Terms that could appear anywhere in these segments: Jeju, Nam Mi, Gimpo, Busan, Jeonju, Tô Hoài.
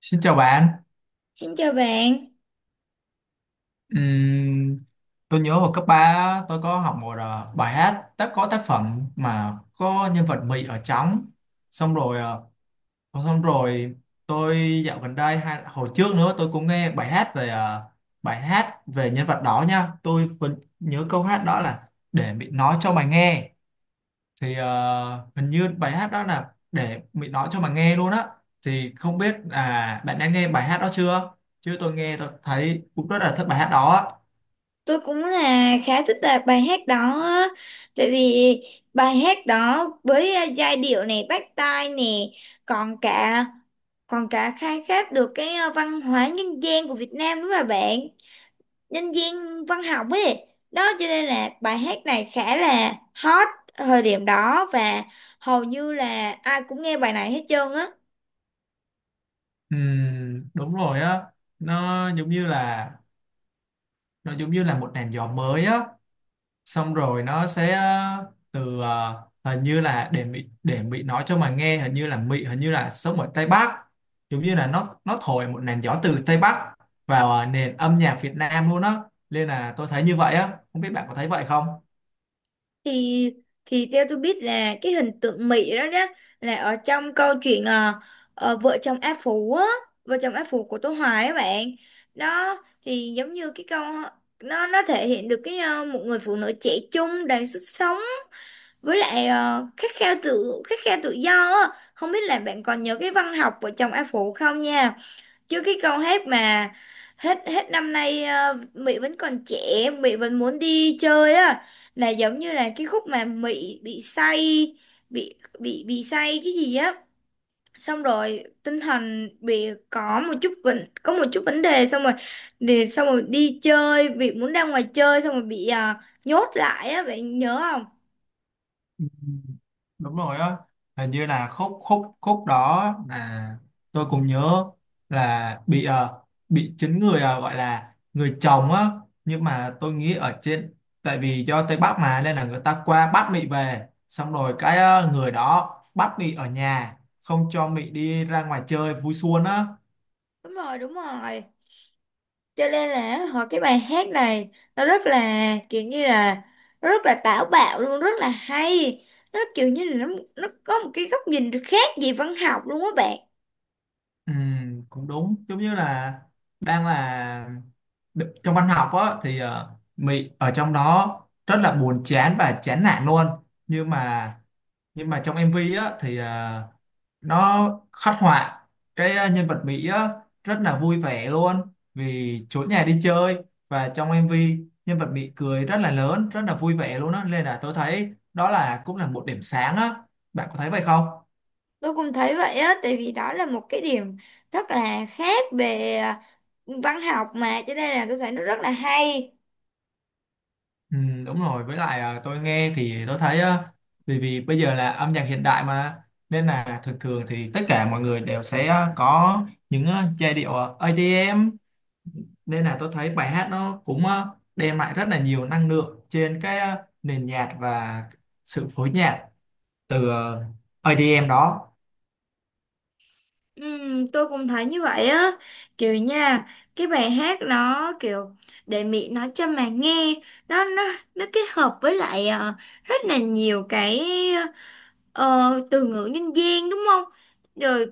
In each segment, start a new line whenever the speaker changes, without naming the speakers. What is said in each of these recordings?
Xin chào bạn.
Xin chào bạn,
Ừm, tôi nhớ vào cấp 3 tôi có học một bài hát đã có tác phẩm mà có nhân vật Mỹ ở trong. Xong rồi ờ, Xong rồi tôi dạo gần đây hay hồi trước nữa tôi cũng nghe bài hát về bài hát về nhân vật đó nha. Tôi vẫn nhớ câu hát đó là để Mỹ nói cho mày nghe. Thì hình như bài hát đó là để mình nói cho mà nghe luôn á, thì không biết là bạn đã nghe bài hát đó chưa, chứ tôi nghe tôi thấy cũng rất là thích bài hát đó á.
tôi cũng là khá thích là bài hát đó á. Tại vì bài hát đó với giai điệu này bắt tai nè, còn cả còn cả khai thác được cái văn hóa nhân gian của Việt Nam đúng không bạn? Nhân gian văn học ấy. Đó cho nên là bài hát này khá là hot thời điểm đó và hầu như là ai cũng nghe bài này hết trơn á.
Đúng rồi á, nó giống như là nó giống như là một làn gió mới á, xong rồi nó sẽ từ hình như là để Mỹ nói cho mà nghe, hình như là Mỹ hình như là sống ở Tây Bắc, giống như là nó thổi một làn gió từ Tây Bắc vào nền âm nhạc Việt Nam luôn á, nên là tôi thấy như vậy á, không biết bạn có thấy vậy không.
thì thì theo tôi biết là cái hình tượng Mỹ đó đó là ở trong câu chuyện vợ chồng A Phú á, vợ chồng A Phú của Tô Hoài á bạn. Đó thì giống như cái câu, nó thể hiện được cái một người phụ nữ trẻ trung đầy sức sống với lại khát khao tự, khát khao tự do á. Không biết là bạn còn nhớ cái văn học vợ chồng A Phú không nha. Chứ cái câu hát mà hết hết năm nay Mỹ vẫn còn trẻ Mỹ vẫn muốn đi chơi á là giống như là cái khúc mà Mỹ bị say, bị say cái gì á, xong rồi tinh thần bị có một chút vấn, có một chút vấn đề, xong rồi để xong rồi đi chơi bị muốn ra ngoài chơi xong rồi bị nhốt lại á bạn nhớ không.
Ừ. Đúng rồi á, hình như là khúc khúc khúc đó là tôi cũng nhớ là bị bị chính người gọi là người chồng á, nhưng mà tôi nghĩ ở trên, tại vì do Tây Bắc mà nên là người ta qua bắt mị về, xong rồi cái người đó bắt mị ở nhà, không cho mị đi ra ngoài chơi vui xuân á.
Đúng rồi, đúng rồi, cho nên là họ cái bài hát này nó rất là kiểu như là nó rất là táo bạo luôn, rất là hay. Nó kiểu như là nó có một cái góc nhìn khác về văn học luôn á bạn.
Ừ, cũng đúng giống như là đang là trong văn học á thì Mỹ ở trong đó rất là buồn chán và chán nản luôn, nhưng mà nhưng mà trong MV á thì nó khắc họa cái nhân vật Mỹ á rất là vui vẻ luôn vì trốn nhà đi chơi, và trong MV nhân vật Mỹ cười rất là lớn rất là vui vẻ luôn á, nên là tôi thấy đó là cũng là một điểm sáng á, bạn có thấy vậy không.
Tôi cũng thấy vậy á tại vì đó là một cái điểm rất là khác về văn học mà cho nên là tôi thấy nó rất là hay.
Ừ, đúng rồi, với lại tôi nghe thì tôi thấy à, vì vì bây giờ là âm nhạc hiện đại mà, nên là thường thường thì tất cả mọi người đều sẽ có những giai điệu EDM, nên là tôi thấy bài hát nó cũng đem lại rất là nhiều năng lượng trên cái nền nhạc và sự phối nhạc từ EDM đó.
Tôi cũng thấy như vậy á, kiểu nha, cái bài hát nó kiểu để Mỹ nói cho mà nghe, nó nó nó kết hợp với lại rất là nhiều cái Ờ, từ ngữ nhân gian đúng không? Rồi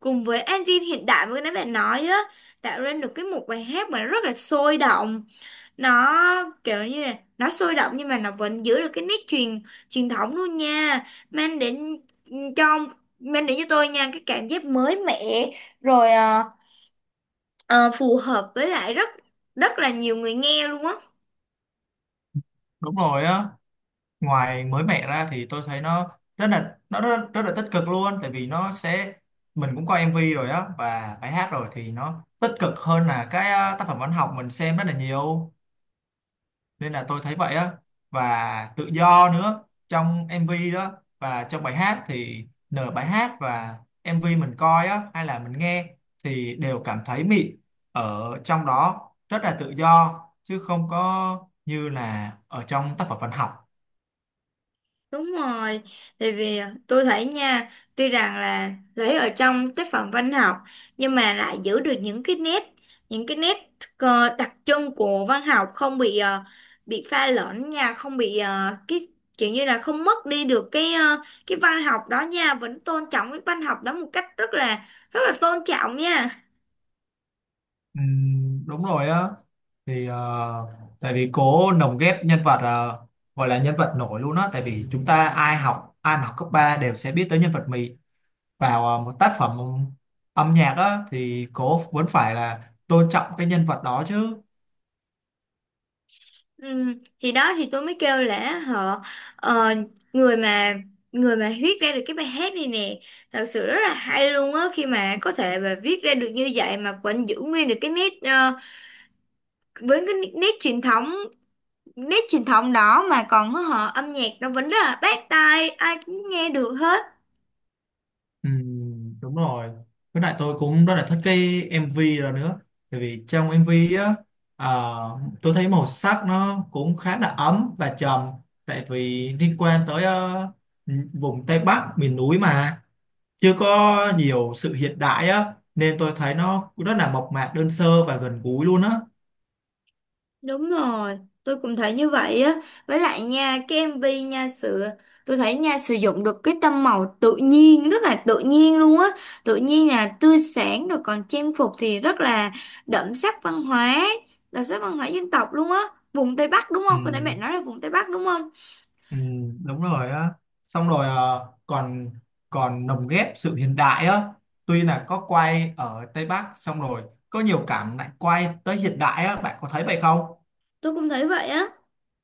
cùng với engine hiện đại mà cái nãy bạn nói á, tạo nên được cái một bài hát mà rất là sôi động. Nó kiểu như là nó sôi động nhưng mà nó vẫn giữ được cái nét truyền, truyền thống luôn nha, mang đến, ừ, cho, mang đến cho tôi nha cái cảm giác mới mẻ rồi ờ, phù hợp với lại rất rất là nhiều người nghe luôn á.
Đúng rồi á, ngoài mới mẻ ra thì tôi thấy nó rất là nó rất, rất là tích cực luôn, tại vì nó sẽ mình cũng coi MV rồi á và bài hát rồi thì nó tích cực hơn là cái tác phẩm văn học mình xem rất là nhiều, nên là tôi thấy vậy á. Và tự do nữa trong MV đó, và trong bài hát thì nửa bài hát và MV mình coi á hay là mình nghe thì đều cảm thấy mịn ở trong đó, rất là tự do chứ không có như là ở trong tác phẩm văn học.
Đúng rồi, tại vì tôi thấy nha, tuy rằng là lấy ở trong tác phẩm văn học nhưng mà lại giữ được những cái nét, những cái nét đặc trưng của văn học không bị bị pha lẫn nha, không bị cái kiểu như là không mất đi được cái cái văn học đó nha, vẫn tôn trọng cái văn học đó một cách rất là, rất là tôn trọng nha.
Đúng rồi á, thì tại vì cố lồng ghép nhân vật gọi là nhân vật nổi luôn á, tại vì chúng ta ai mà học cấp 3 đều sẽ biết tới nhân vật Mì, vào một tác phẩm âm nhạc á thì cô vẫn phải là tôn trọng cái nhân vật đó chứ.
Ừ, thì đó thì tôi mới kêu là họ ờ, người mà người mà viết ra được cái bài hát này nè thật sự rất là hay luôn á khi mà có thể mà viết ra được như vậy mà vẫn giữ nguyên được cái nét với cái nét truyền thống, nét truyền thống đó mà còn họ âm nhạc nó vẫn rất là bắt tai ai cũng nghe được hết.
Ừ, đúng rồi, với lại tôi cũng rất là thích cái MV đó nữa, tại vì trong MV á à, tôi thấy màu sắc nó cũng khá là ấm và trầm, tại vì liên quan tới vùng Tây Bắc miền núi mà chưa có nhiều sự hiện đại á, nên tôi thấy nó rất là mộc mạc đơn sơ và gần gũi luôn á.
Đúng rồi, tôi cũng thấy như vậy á. Với lại nha, cái MV nha sự, tôi thấy nha sử dụng được cái tông màu tự nhiên, rất là tự nhiên luôn á. Tự nhiên là tươi sáng rồi còn trang phục thì rất là đậm sắc văn hóa, đậm sắc văn hóa dân tộc luôn á. Vùng Tây Bắc đúng
Ừ,
không? Có nãy bạn nói là vùng Tây Bắc đúng không?
Ừ, đúng rồi á, xong rồi còn còn lồng ghép sự hiện đại á, tuy là có quay ở Tây Bắc, xong rồi có nhiều cảnh lại quay tới hiện đại á, bạn có thấy vậy không.
Tôi cũng thấy vậy á.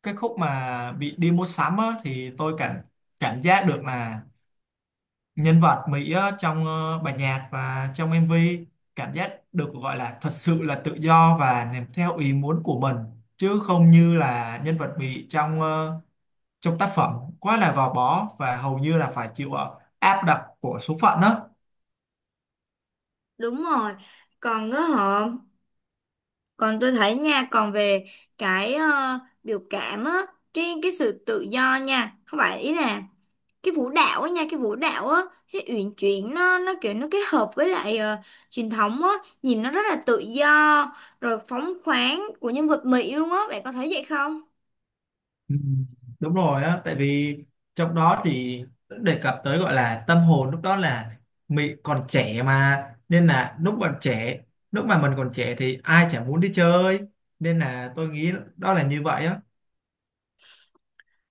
Cái khúc mà bị đi mua sắm á thì tôi cảm cảm giác được là nhân vật Mỹ á, trong bản nhạc và trong MV, cảm giác được gọi là thật sự là tự do và làm theo ý muốn của mình, chứ không như là nhân vật Mỹ trong trong tác phẩm quá là gò bó và hầu như là phải chịu áp đặt của số phận đó.
Đúng rồi. Còn á họ, còn tôi thấy nha, còn về cái biểu cảm á, cái sự tự do nha. Không phải ý là cái vũ đạo á nha, cái vũ đạo á, cái uyển chuyển nó kiểu nó kết hợp với lại truyền thống á nhìn nó rất là tự do rồi phóng khoáng của nhân vật Mỹ luôn á bạn có thấy vậy không.
Ừ, đúng rồi á, tại vì trong đó thì đề cập tới gọi là tâm hồn lúc đó là mình còn trẻ mà, nên là lúc còn trẻ, lúc mà mình còn trẻ thì ai chả muốn đi chơi, nên là tôi nghĩ đó là như vậy á.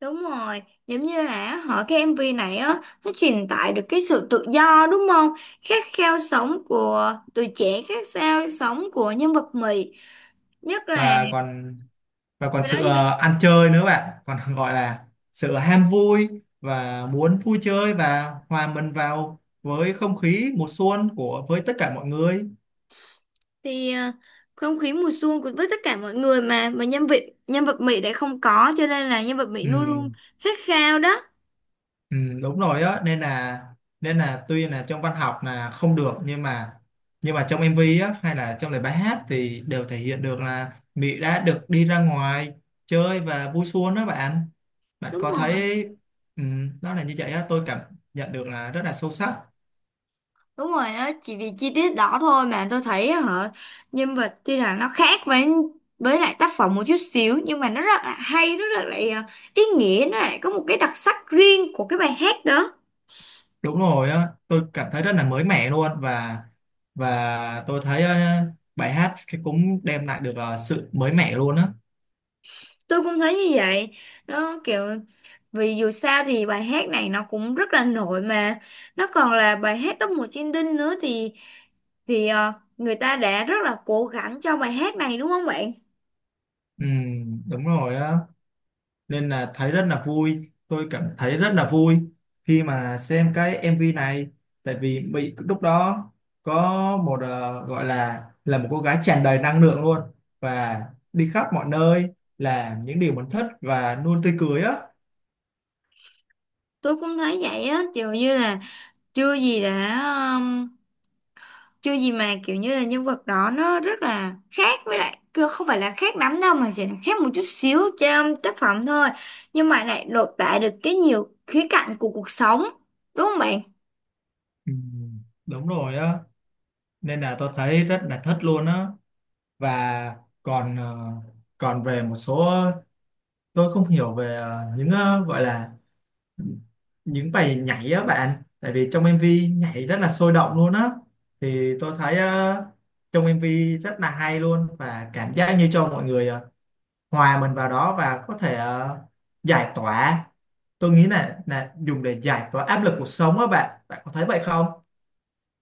Đúng rồi, giống như là họ cái MV này á nó truyền tải được cái sự tự do đúng không, khát khao sống của tuổi trẻ, khát khao sống của nhân vật Mỹ nhất là.
và còn và còn
Và đó
sự
đi
ăn chơi nữa bạn, còn gọi là sự ham vui và muốn vui chơi và hòa mình vào với không khí mùa xuân của với tất cả mọi người.
thì không khí mùa xuân của với tất cả mọi người mà nhân vật, nhân vật Mỹ đã không có cho nên là nhân vật Mỹ
Ừ,
luôn luôn khát khao đó.
ừ, đúng rồi á, nên là tuy là trong văn học là không được, nhưng mà trong MV á hay là trong lời bài hát thì đều thể hiện được là Mỹ đã được đi ra ngoài chơi và vui xuân đó bạn, bạn
Đúng
có
rồi,
thấy. Ừ, nó là như vậy á, tôi cảm nhận được là rất là sâu sắc.
đúng rồi, đó chỉ vì chi tiết đó thôi mà tôi thấy hả. Nhân vật tuy là nó khác với lại tác phẩm một chút xíu nhưng mà nó rất là hay, rất là lại ý nghĩa, nó lại có một cái đặc sắc riêng của cái bài hát đó.
Đúng rồi á, tôi cảm thấy rất là mới mẻ luôn, và tôi thấy bài hát cái cũng đem lại được sự mới mẻ luôn á.
Tôi cũng thấy như vậy, nó kiểu vì dù sao thì bài hát này nó cũng rất là nổi mà, nó còn là bài hát top 1 trên Đinh nữa thì, thì người ta đã rất là cố gắng cho bài hát này đúng không bạn?
Ừ, đúng rồi á, nên là thấy rất là vui, tôi cảm thấy rất là vui khi mà xem cái MV này, tại vì bị lúc đó có một gọi là một cô gái tràn đầy năng lượng luôn, và đi khắp mọi nơi làm những điều mình thích và luôn tươi cười á.
Tôi cũng thấy vậy á, kiểu như là chưa gì đã, um, chưa gì mà kiểu như là nhân vật đó nó rất là khác với lại cứ không phải là khác lắm đâu mà chỉ là khác một chút xíu trong tác phẩm thôi. Nhưng mà lại lột tả được cái nhiều khía cạnh của cuộc sống, đúng không bạn?
Ừ, đúng rồi á, nên là tôi thấy rất là thích luôn á. Và còn còn về một số tôi không hiểu về những gọi là những bài nhảy á bạn, tại vì trong MV nhảy rất là sôi động luôn á, thì tôi thấy trong MV rất là hay luôn, và cảm giác như cho mọi người hòa mình vào đó và có thể giải tỏa, tôi nghĩ là dùng để giải tỏa áp lực cuộc sống á bạn, bạn có thấy vậy không.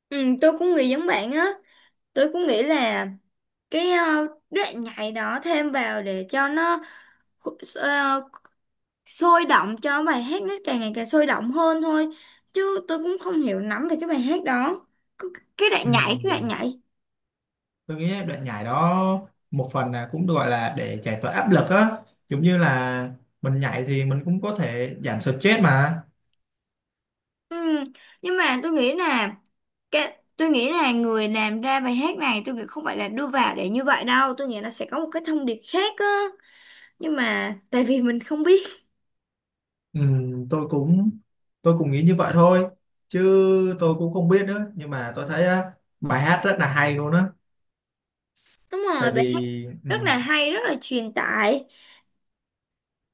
Ừ, tôi cũng nghĩ giống bạn á. Tôi cũng nghĩ là cái đoạn nhảy đó thêm vào để cho nó sôi động, cho bài hát nó càng ngày càng sôi động hơn thôi chứ tôi cũng không hiểu lắm về cái bài hát đó. Cái đoạn
Ừ.
nhảy, cái đoạn nhảy.
Tôi nghĩ đoạn nhảy đó một phần là cũng gọi là để giải tỏa áp lực á, giống như là mình nhảy thì mình cũng có thể giảm stress mà.
Ừ. Nhưng mà tôi nghĩ là, tôi nghĩ là người làm ra bài hát này, tôi nghĩ không phải là đưa vào để như vậy đâu, tôi nghĩ nó sẽ có một cái thông điệp khác á nhưng mà tại vì mình không biết.
Ừ, tôi cũng tôi cũng nghĩ như vậy thôi, chứ tôi cũng không biết nữa. Nhưng mà tôi thấy á, bài hát rất là hay luôn á,
Đúng
tại
rồi, bài hát
vì ừ,
rất là hay, rất là truyền tải.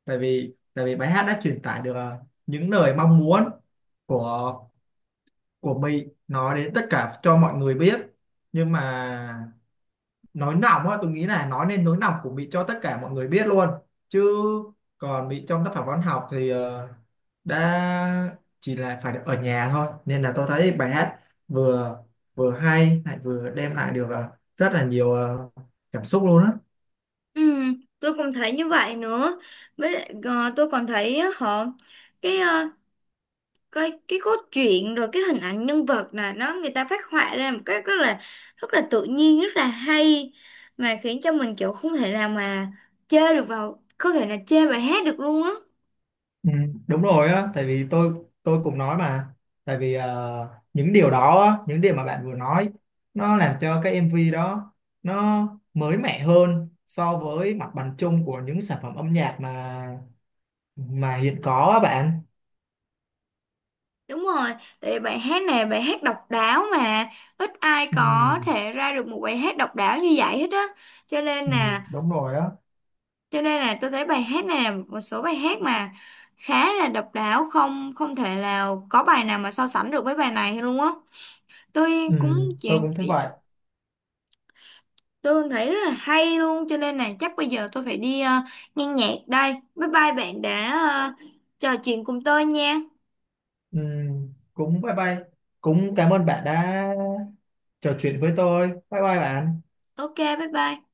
tại vì bài hát đã truyền tải được những lời mong muốn của của mình nói đến tất cả cho mọi người biết. Nhưng mà nói nòng á, tôi nghĩ là nói nên nỗi lòng của Mỹ cho tất cả mọi người biết luôn, chứ còn Mỹ trong tác phẩm văn học thì đã chỉ là phải ở nhà thôi, nên là tôi thấy bài hát vừa vừa hay lại vừa đem lại được rất là nhiều cảm xúc luôn á.
Ừ, tôi cũng thấy như vậy nữa, với lại tôi còn thấy á, họ cái cái cốt truyện rồi cái hình ảnh nhân vật là nó người ta phát họa ra một cách rất là, rất là tự nhiên, rất là hay mà khiến cho mình kiểu không thể nào mà chê được vào, không thể là chê bài hát được luôn á.
Ừ, đúng rồi á, tại vì tôi cũng nói mà, tại vì những điều đó, á, những điều mà bạn vừa nói, nó làm cho cái MV đó nó mới mẻ hơn so với mặt bằng chung của những sản phẩm âm nhạc mà hiện có á bạn.
Đúng rồi, tại vì bài hát này là bài hát độc đáo mà ít ai
Ừ,
có thể ra được một bài hát độc đáo như vậy hết á. cho nên
ừ,
là
đúng rồi á,
cho nên là tôi thấy bài hát này là một số bài hát mà khá là độc đáo, không, không thể nào có bài nào mà so sánh được với bài này luôn á. Tôi
ừ,
cũng
tôi
chuyện.
cũng thấy vậy.
Tôi thấy rất là hay luôn cho nên là chắc bây giờ tôi phải đi nghe nhạc đây. Bye bye, bạn đã trò chuyện cùng tôi nha.
Ừ, cũng bye bye, cũng cảm ơn bạn đã trò chuyện với tôi. Bye bye bạn.
Ok, bye bye.